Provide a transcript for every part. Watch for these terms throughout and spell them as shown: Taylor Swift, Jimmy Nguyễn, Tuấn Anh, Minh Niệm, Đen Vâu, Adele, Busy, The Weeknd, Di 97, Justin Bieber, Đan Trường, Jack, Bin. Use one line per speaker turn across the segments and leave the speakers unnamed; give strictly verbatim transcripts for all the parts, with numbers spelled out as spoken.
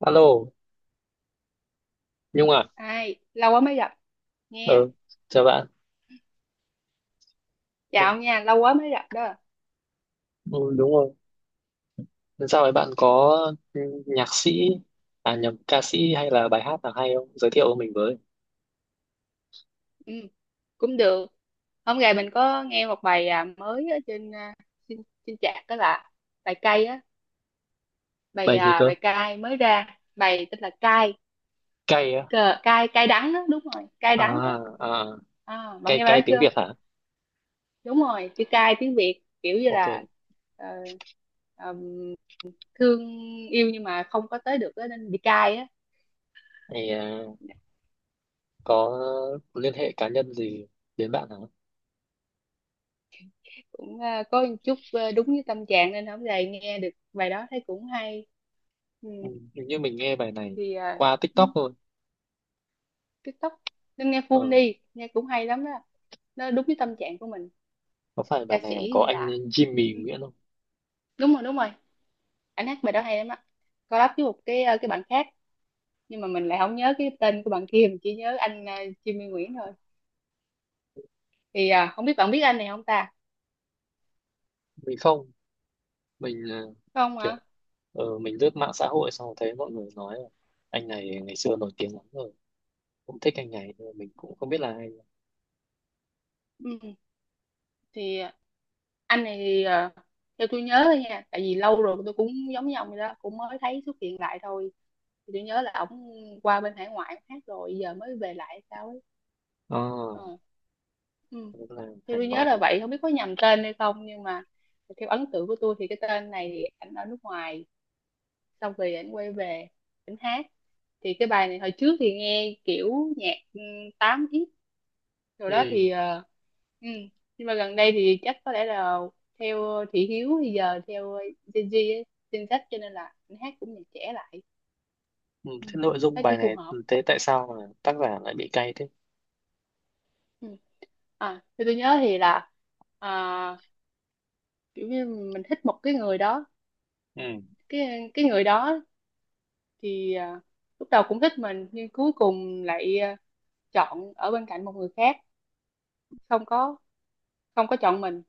Alo, Nhung à?
Ai, lâu quá mới gặp. Nghe.
Ừ, chào bạn. Ừ,
Chào nha, lâu quá mới gặp đó.
ừ, đúng rồi. Sao ấy bạn có ừ, nhạc sĩ, à nhầm, ca sĩ hay là bài hát nào hay không? Giới thiệu mình với.
Ừ, cũng được. Hôm nay mình có nghe một bài à, mới ở trên à, trên, trên chat đó là bài cay á. bài
Bài gì
à,
cơ?
bài cay mới ra, bài tên là cay.
Cay á?
Cờ cay, cay đắng á. Đúng rồi, cay đắng á.
À, à,
À, bạn
cay
nghe bài
cay
đó
tiếng
chưa?
Việt hả?
Đúng rồi, chữ cay tiếng Việt kiểu như là
Ok.
ờ, ờm, thương yêu nhưng mà không có tới được á, nên bị cay á.
Thì à, có liên hệ cá nhân gì đến bạn hả?
Cũng à, có một chút à, đúng với tâm trạng, nên hôm nay nghe được bài đó thấy cũng hay. Ừ.
Ừ, hình như mình nghe bài này
Thì à,
qua TikTok thôi.
TikTok nên nghe
Ờ,
full đi, nghe cũng hay lắm đó. Nó đúng với tâm trạng của mình.
có phải
Ca
bài này
sĩ
có
như
anh
là
Jimmy
Ừ,
Nguyễn không?
đúng rồi, đúng rồi. Anh hát bài đó hay lắm á. Collab với một cái ờ, cái bạn khác, nhưng mà mình lại không nhớ cái tên của bạn kia, mình chỉ nhớ anh uh, Jimmy Nguyễn thôi. Thì à, không biết bạn biết anh này không ta?
Mình không. Mình à,
Không
kiểu
ạ.
ừ, mình lướt mạng xã hội xong thấy mọi người nói là anh này ngày xưa nổi tiếng lắm rồi, cũng thích anh này nhưng mà mình cũng không biết là ai.
Ừ. Thì anh này thì ờ, theo tôi nhớ thôi nha, tại vì lâu rồi tôi cũng giống như ông vậy đó, cũng mới thấy xuất hiện lại thôi. Thì tôi nhớ là ổng qua bên hải ngoại, ổng hát rồi giờ mới về lại hay sao ấy.
À,
Ờ. Ừ.
cũng là
Thì
hải
tôi nhớ
ngoại
là
hả?
vậy, không biết có nhầm tên hay không, nhưng mà theo ấn tượng của tôi thì cái tên này thì ảnh ở nước ngoài, xong rồi ảnh quay về, ảnh hát. Thì cái bài này hồi trước thì nghe kiểu nhạc ừ, tám x rồi đó
Ừ.
thì ờ, ừ. nhưng mà gần đây thì chắc có lẽ là theo thị hiếu bây giờ, theo Gen Z ấy, Gen Z, cho nên là anh hát cũng nhạc trẻ lại.
Ừ.
Ừ.
Thế nội dung
Thấy cũng
bài
phù
này,
hợp.
thế tại sao mà tác giả lại bị cay thế?
Ừ. À thì tôi nhớ thì là à, kiểu như mình thích một cái người đó,
Ừ.
cái cái người đó thì à, lúc đầu cũng thích mình nhưng cuối cùng lại à, chọn ở bên cạnh một người khác, không có không có chọn mình.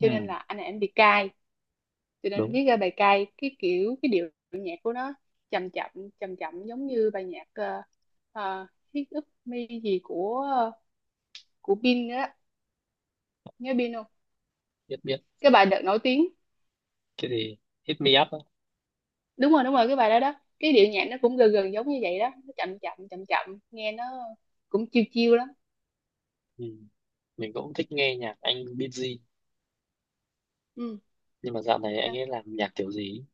Ừ.
nên là anh này anh bị cay, cho nên
Đúng.
viết ra bài cay. Cái kiểu, cái điệu nhạc của nó chậm chậm, chậm chậm giống như bài nhạc uh, uh, Hit Up Me gì của uh, của Bin đó. Nhớ Bin không?
Biết biết.
Cái bài đợt nổi tiếng.
Cái gì? Hit me up á?
Đúng rồi, đúng rồi, cái bài đó đó, cái điệu nhạc nó cũng gần gần giống như vậy đó, nó chậm chậm chậm chậm, nghe nó cũng chiêu chiêu lắm.
Ừ. Mình cũng thích nghe nhạc anh Busy,
Ừ.
nhưng mà dạo này
Đó.
anh ấy làm nhạc kiểu gì ấy,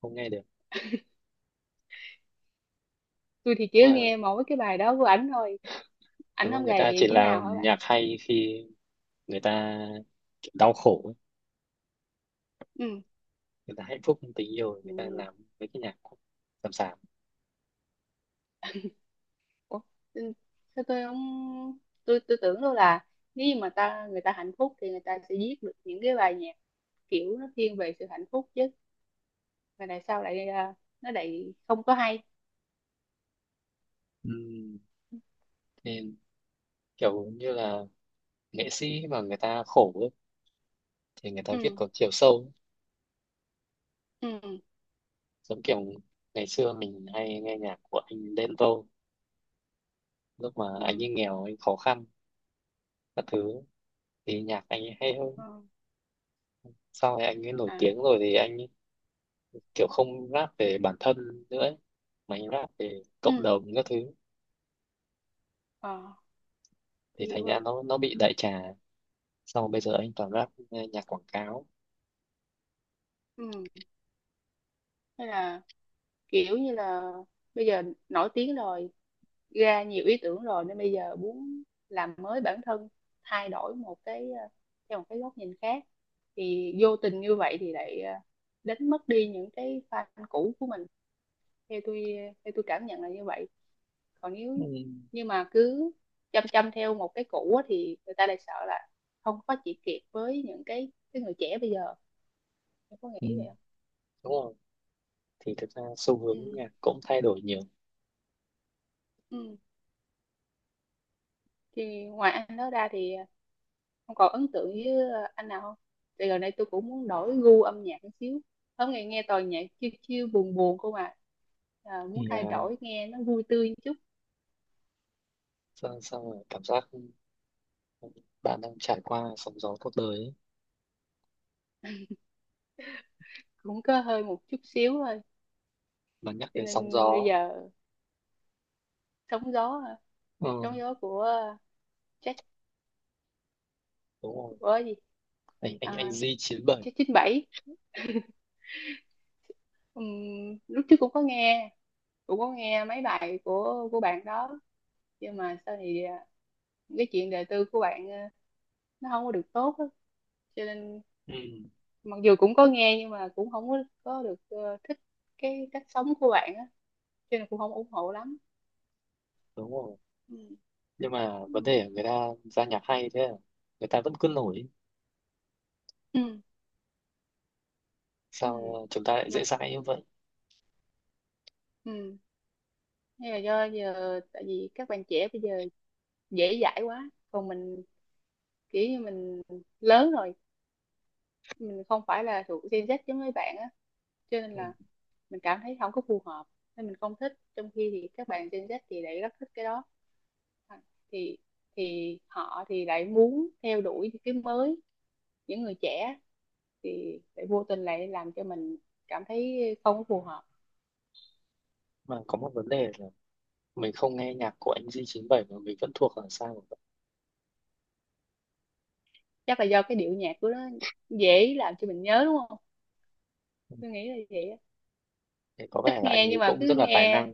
không nghe được.
Tôi thì chỉ
đúng là
nghe mỗi cái bài đó của ảnh thôi. Ảnh
đúng là
không
người ta
gầy
chỉ
như nào
làm
hả bạn?
nhạc hay khi người ta kiểu đau khổ ấy.
Ừ.
Người ta hạnh phúc trong tình yêu người ta
Ừ.
làm mấy cái nhạc sàm sàm.
Ủa, ừ, sao tôi không, tôi tôi tưởng đâu là nếu như mà ta người ta hạnh phúc thì người ta sẽ viết được những cái bài nhạc kiểu nó thiên về sự hạnh phúc chứ, mà tại sao lại à, nó lại không có hay?
Ừm, Nên kiểu như là nghệ sĩ mà người ta khổ ấy, thì người ta viết
Ừ.
có chiều sâu.
Ừ.
Giống kiểu ngày xưa mình hay nghe nhạc của anh Đen Vâu, lúc mà anh
Ừ.
ấy nghèo anh khó khăn các thứ thì nhạc anh ấy hay hơn.
Ờ.
Sau này anh ấy nổi tiếng
À.
rồi thì anh ấy kiểu không rap về bản thân nữa ấy, mà anh rap về cộng
Ừ.
đồng các thứ,
Ờ, tôi
thì
hiểu
thành ra
rồi.
nó nó bị đại trà. Sau bây giờ anh toàn rap nghe nhạc quảng cáo.
Ừ. Thế là kiểu như là bây giờ nổi tiếng rồi, ra nhiều ý tưởng rồi nên bây giờ muốn làm mới bản thân, thay đổi một cái ờ, theo một cái góc nhìn khác, thì vô tình như vậy thì lại ờ, đánh mất đi những cái fan cũ của mình. Theo tôi theo tôi cảm nhận là như vậy. Còn nếu
Ừm.
nhưng mà cứ chăm chăm theo một cái cũ á, thì người ta lại sợ là không có phát triển kịp với những cái cái người trẻ bây giờ. Em có nghĩ vậy
Ừm.
không?
Đúng không? Thì thực ra xu hướng
Ừ.
nhạc cũng thay đổi nhiều.
Ừ. Thì ngoài anh đó ra thì không còn ấn tượng với ờ, anh nào không? Thì gần đây tôi cũng muốn đổi gu âm nhạc một xíu. Hôm nay nghe toàn nhạc chill chill buồn buồn không à. à. Muốn
Thì à,
thay đổi nghe nó vui tươi một chút,
sao, sao mà cảm giác bạn đang trải qua sóng gió cuộc đời ấy.
cũng có hơi một chút xíu thôi.
Mà nhắc
Cho
đến sóng
nên bây
gió,
giờ sóng gió,
ừ,
sóng gió của Jack
đúng rồi,
của gì?
anh anh anh
À,
Di chín bảy.
Jack chín bảy. Ừm, lúc trước cũng có nghe, cũng có nghe mấy bài của của bạn đó, nhưng mà sau thì à, cái chuyện đời tư của bạn à, nó không có được tốt á. Cho nên
Ừ,
mặc dù cũng có nghe nhưng mà cũng không có, có được ờ, thích cái cách sống của bạn á, cho nên cũng không ủng hộ lắm.
đúng rồi.
Ừ.
Nhưng mà vấn
Ừ.
đề là người ta ra nhạc hay thế à? Người ta vẫn cứ nổi.
Ừ. Ừ.
Sao chúng ta lại
Mà,
dễ dãi như vậy?
ừ. Nhưng mà do giờ tại vì các bạn trẻ bây giờ dễ dãi quá, còn mình kiểu như mình lớn rồi, mình không phải là thuộc Gen Z giống mấy bạn á, cho nên
Ừ.
là mình cảm thấy không có phù hợp, nên mình không thích, trong khi thì các bạn Gen Z thì lại rất thích cái đó. À, thì thì họ thì lại muốn theo đuổi những cái mới, những người trẻ thì lại vô tình lại làm cho mình cảm thấy không có phù hợp.
Mà có một vấn đề là mình không nghe nhạc của anh Di chín bảy mà mình vẫn thuộc là sao vậy?
Chắc là do cái điệu nhạc của nó dễ làm cho mình nhớ đúng không?
Ừ.
Tôi nghĩ là vậy á.
Thế có
Ít
vẻ là anh
nghe
ấy
nhưng mà
cũng
cứ
rất là tài
nghe.
năng.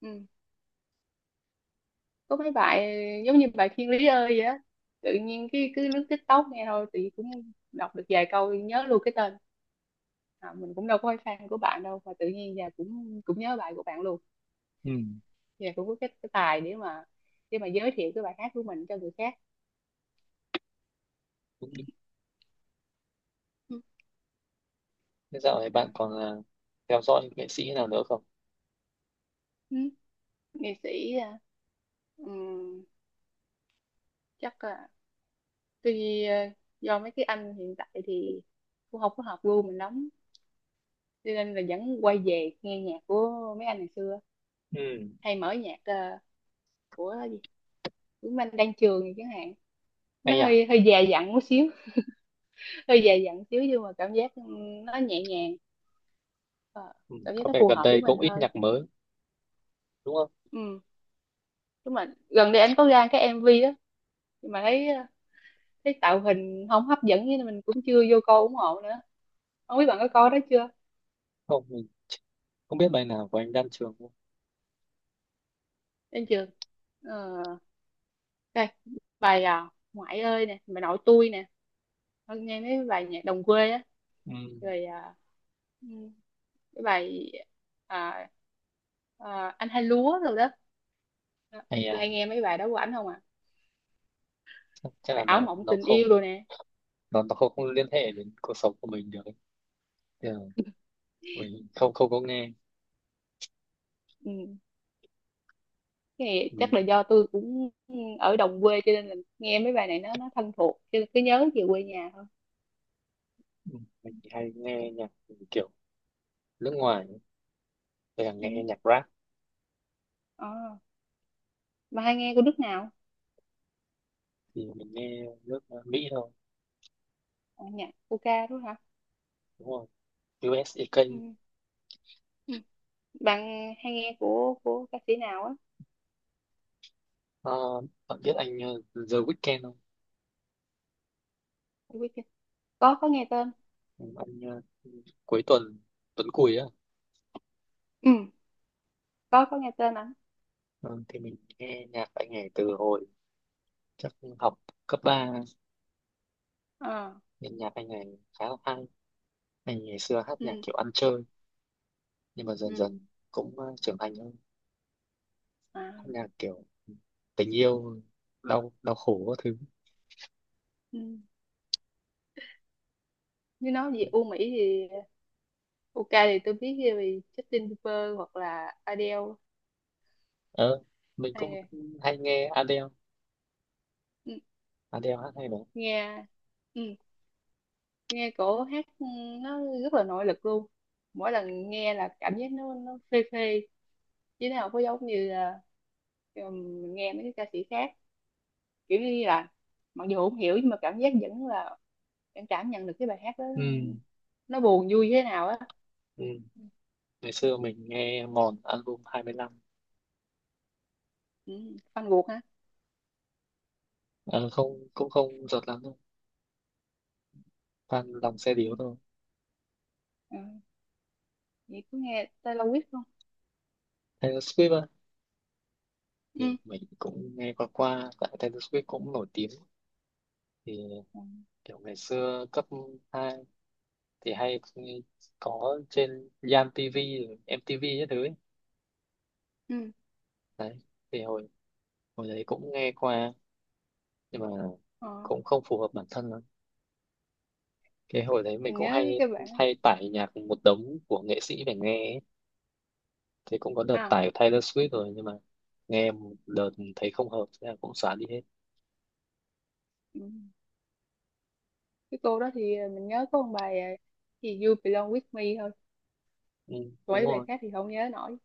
Ừ. Có mấy bài giống như bài Thiên Lý ơi vậy á, tự nhiên cái cứ lướt TikTok nghe thôi, tự nhiên cũng đọc được vài câu nhớ luôn cái tên. À, mình cũng đâu có phải fan của bạn đâu mà tự nhiên giờ cũng cũng nhớ bài của bạn luôn. Giờ cũng có cái, cái tài để mà để mà giới thiệu cái bài hát của mình cho người khác.
Ừ.
Ừ.
Thế dạo này bạn
À.
còn à, theo dõi những nghệ sĩ nào nữa không?
Ừ. Nghệ sĩ à, Ừm, chắc là tuy ờ, do mấy cái anh hiện tại thì cũng không có hợp gu mình lắm, cho nên là vẫn quay về nghe nhạc của mấy anh ngày xưa.
Ừ,
Hay mở nhạc ờ, của gì, Tuấn Anh, Đan Trường chẳng hạn. Nó
hay à?
hơi hơi già dặn một xíu. Hơi già dặn xíu nhưng mà cảm giác ừ, nó nhẹ nhàng. Ờ,
Ừ,
cảm giác
có
nó
vẻ
phù
gần
hợp với
đây
mình
cũng ít
hơn.
nhạc mới, đúng không?
Ừ. Đúng rồi, gần đây anh có ra cái em vê đó nhưng mà thấy ờ, thấy tạo hình không hấp dẫn nên mình cũng chưa vô coi ủng hộ nữa. Không biết bạn có coi đó chưa?
Không, mình không biết bài nào của anh Đan Trường không?
Em chưa. Ờ, đây. Bài à, ngoại ơi nè, bài nội tôi nè. Con nghe mấy bài nhạc đồng quê á,
Ừ,
rồi à, ừ, cái bài à, à, anh hai lúa rồi đó. Đó.
hay
Tôi
à?
hay nghe mấy bài đó của ảnh không à.
Chắc, chắc là
Bài ảo
nó
mộng
nó
tình
không,
yêu rồi nè.
nó nó không, không liên hệ đến cuộc sống của mình được ấy. Thì là mình không không có nghe.
Ừ. Cái này
mình
chắc là do tôi cũng ở đồng quê, cho nên là nghe mấy bài này nó nó thân thuộc, cho nên cứ nhớ về quê nhà thôi.
mình chỉ hay nghe nhạc kiểu nước ngoài, hay là
Ừ.
nghe nhạc rap.
à, mà hay nghe của nước nào?
Thì mình nghe nước à, Mỹ thôi,
À, nhạc của ca đúng hả?
đúng không? u ét a ca.
Ừ. Bạn hay nghe của của ca sĩ nào á?
Ờ, bạn biết anh ờ, The Weeknd không?
Tôi biết chưa? có có nghe tên.
Anh ờ, cuối tuần, tuần cùi á.
Ừ. có có nghe tên ảnh.
Ờ, thì mình nghe nhạc anh này từ hồi chắc học cấp ba,
À.
nên nhạc anh này khá là hay. Anh ngày xưa hát nhạc
Ừ.
kiểu ăn chơi nhưng mà dần
Ừ.
dần cũng ờ, trưởng thành hơn,
À.
hát nhạc kiểu tình yêu đau đau khổ các thứ.
Ừ. Nếu nói về U Mỹ thì u UK thì tôi biết về Justin Bieber hoặc là Adele.
ờ mình
Hai
cũng
người.
hay nghe Adele.
Ừ.
Adele hát hay mà.
Nghe. Ừ. Nghe cổ hát ừ, nó rất là nội lực luôn. Mỗi lần nghe là cảm giác nó nó phê phê. Chứ nào có giống như là ừ, mình nghe mấy cái ca sĩ khác, kiểu như là mặc dù không hiểu nhưng mà cảm giác vẫn là em cảm nhận được cái bài hát đó
Ừ.
nó buồn vui thế nào á.
Ừ. Ngày xưa mình nghe mòn album hai lăm.
Ừ. Fan ruột hả?
ờ Không, cũng không giọt lắm đâu, toàn lòng xe
Ừ.
điếu thôi.
Ừ. Vậy cứ nghe Taylor Swift không?
Taylor Swift thì
Ừ.
mình cũng nghe qua qua, tại Taylor Swift cũng nổi tiếng. Thì
Ừ.
kiểu ngày xưa cấp hai thì hay có trên Yam ti vi rồi em tê vê các thứ ấy.
Ừ.
Đấy, thì hồi hồi đấy cũng nghe qua, nhưng mà
Ờ.
cũng không phù hợp bản thân lắm. Cái hồi đấy mình
Mình
cũng
nhớ
hay
cái bản
hay tải nhạc một đống của nghệ sĩ để nghe ấy. Thì cũng có đợt
à
tải Taylor Swift rồi, nhưng mà nghe một đợt thấy không hợp thế là cũng xóa đi hết.
ừ. Cái cô đó thì ờ, mình nhớ có một bài à, thì You Belong With Me thôi.
Ừ,
Còn
đúng
mấy bài
rồi.
khác thì không nhớ nổi.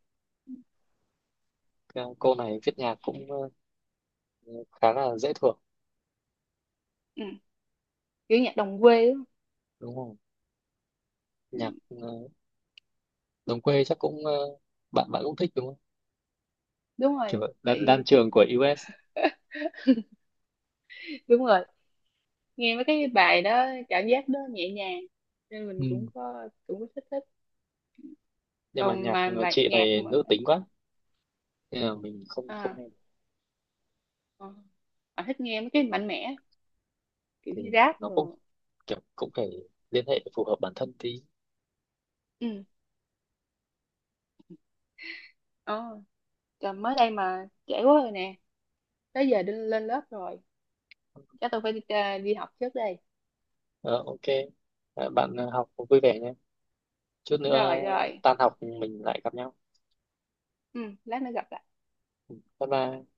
Cái cô này viết nhạc cũng ờ, khá là dễ thuộc.
Ừ. Kiểu nhạc đồng quê á.
Đúng rồi,
Ừ.
nhạc ờ, đồng quê chắc cũng ờ, bạn bạn cũng thích đúng không?
Đúng
Kiểu
rồi
đan, đan
tại
trường của u es.
đúng rồi, nghe mấy cái bài đó cảm giác đó nhẹ nhàng, nên mình cũng
Ừ.
có cũng có thích thích.
Nhưng mà
Còn
nhạc
mà
ờ,
bài
chị
nhạc
này
mà
nữ tính quá, nên là mình không không
à,
nghe được.
à, à, thích nghe mấy cái mạnh mẽ, kiểu
Thì
như rap
nó cũng
rồi.
kiểu cũng phải liên hệ phù hợp bản thân tí.
Ừ. Ờ trời, mới đây mà trễ quá rồi nè. Tới giờ đi lên lớp rồi. Chắc tôi phải đi, à, đi học trước đây.
Ờ, ok. Ờ, bạn ờ, học vui vẻ nhé, chút nữa
Rồi rồi.
tan học mình lại gặp nhau.
Ừ, lát nữa gặp lại.
Bye bye.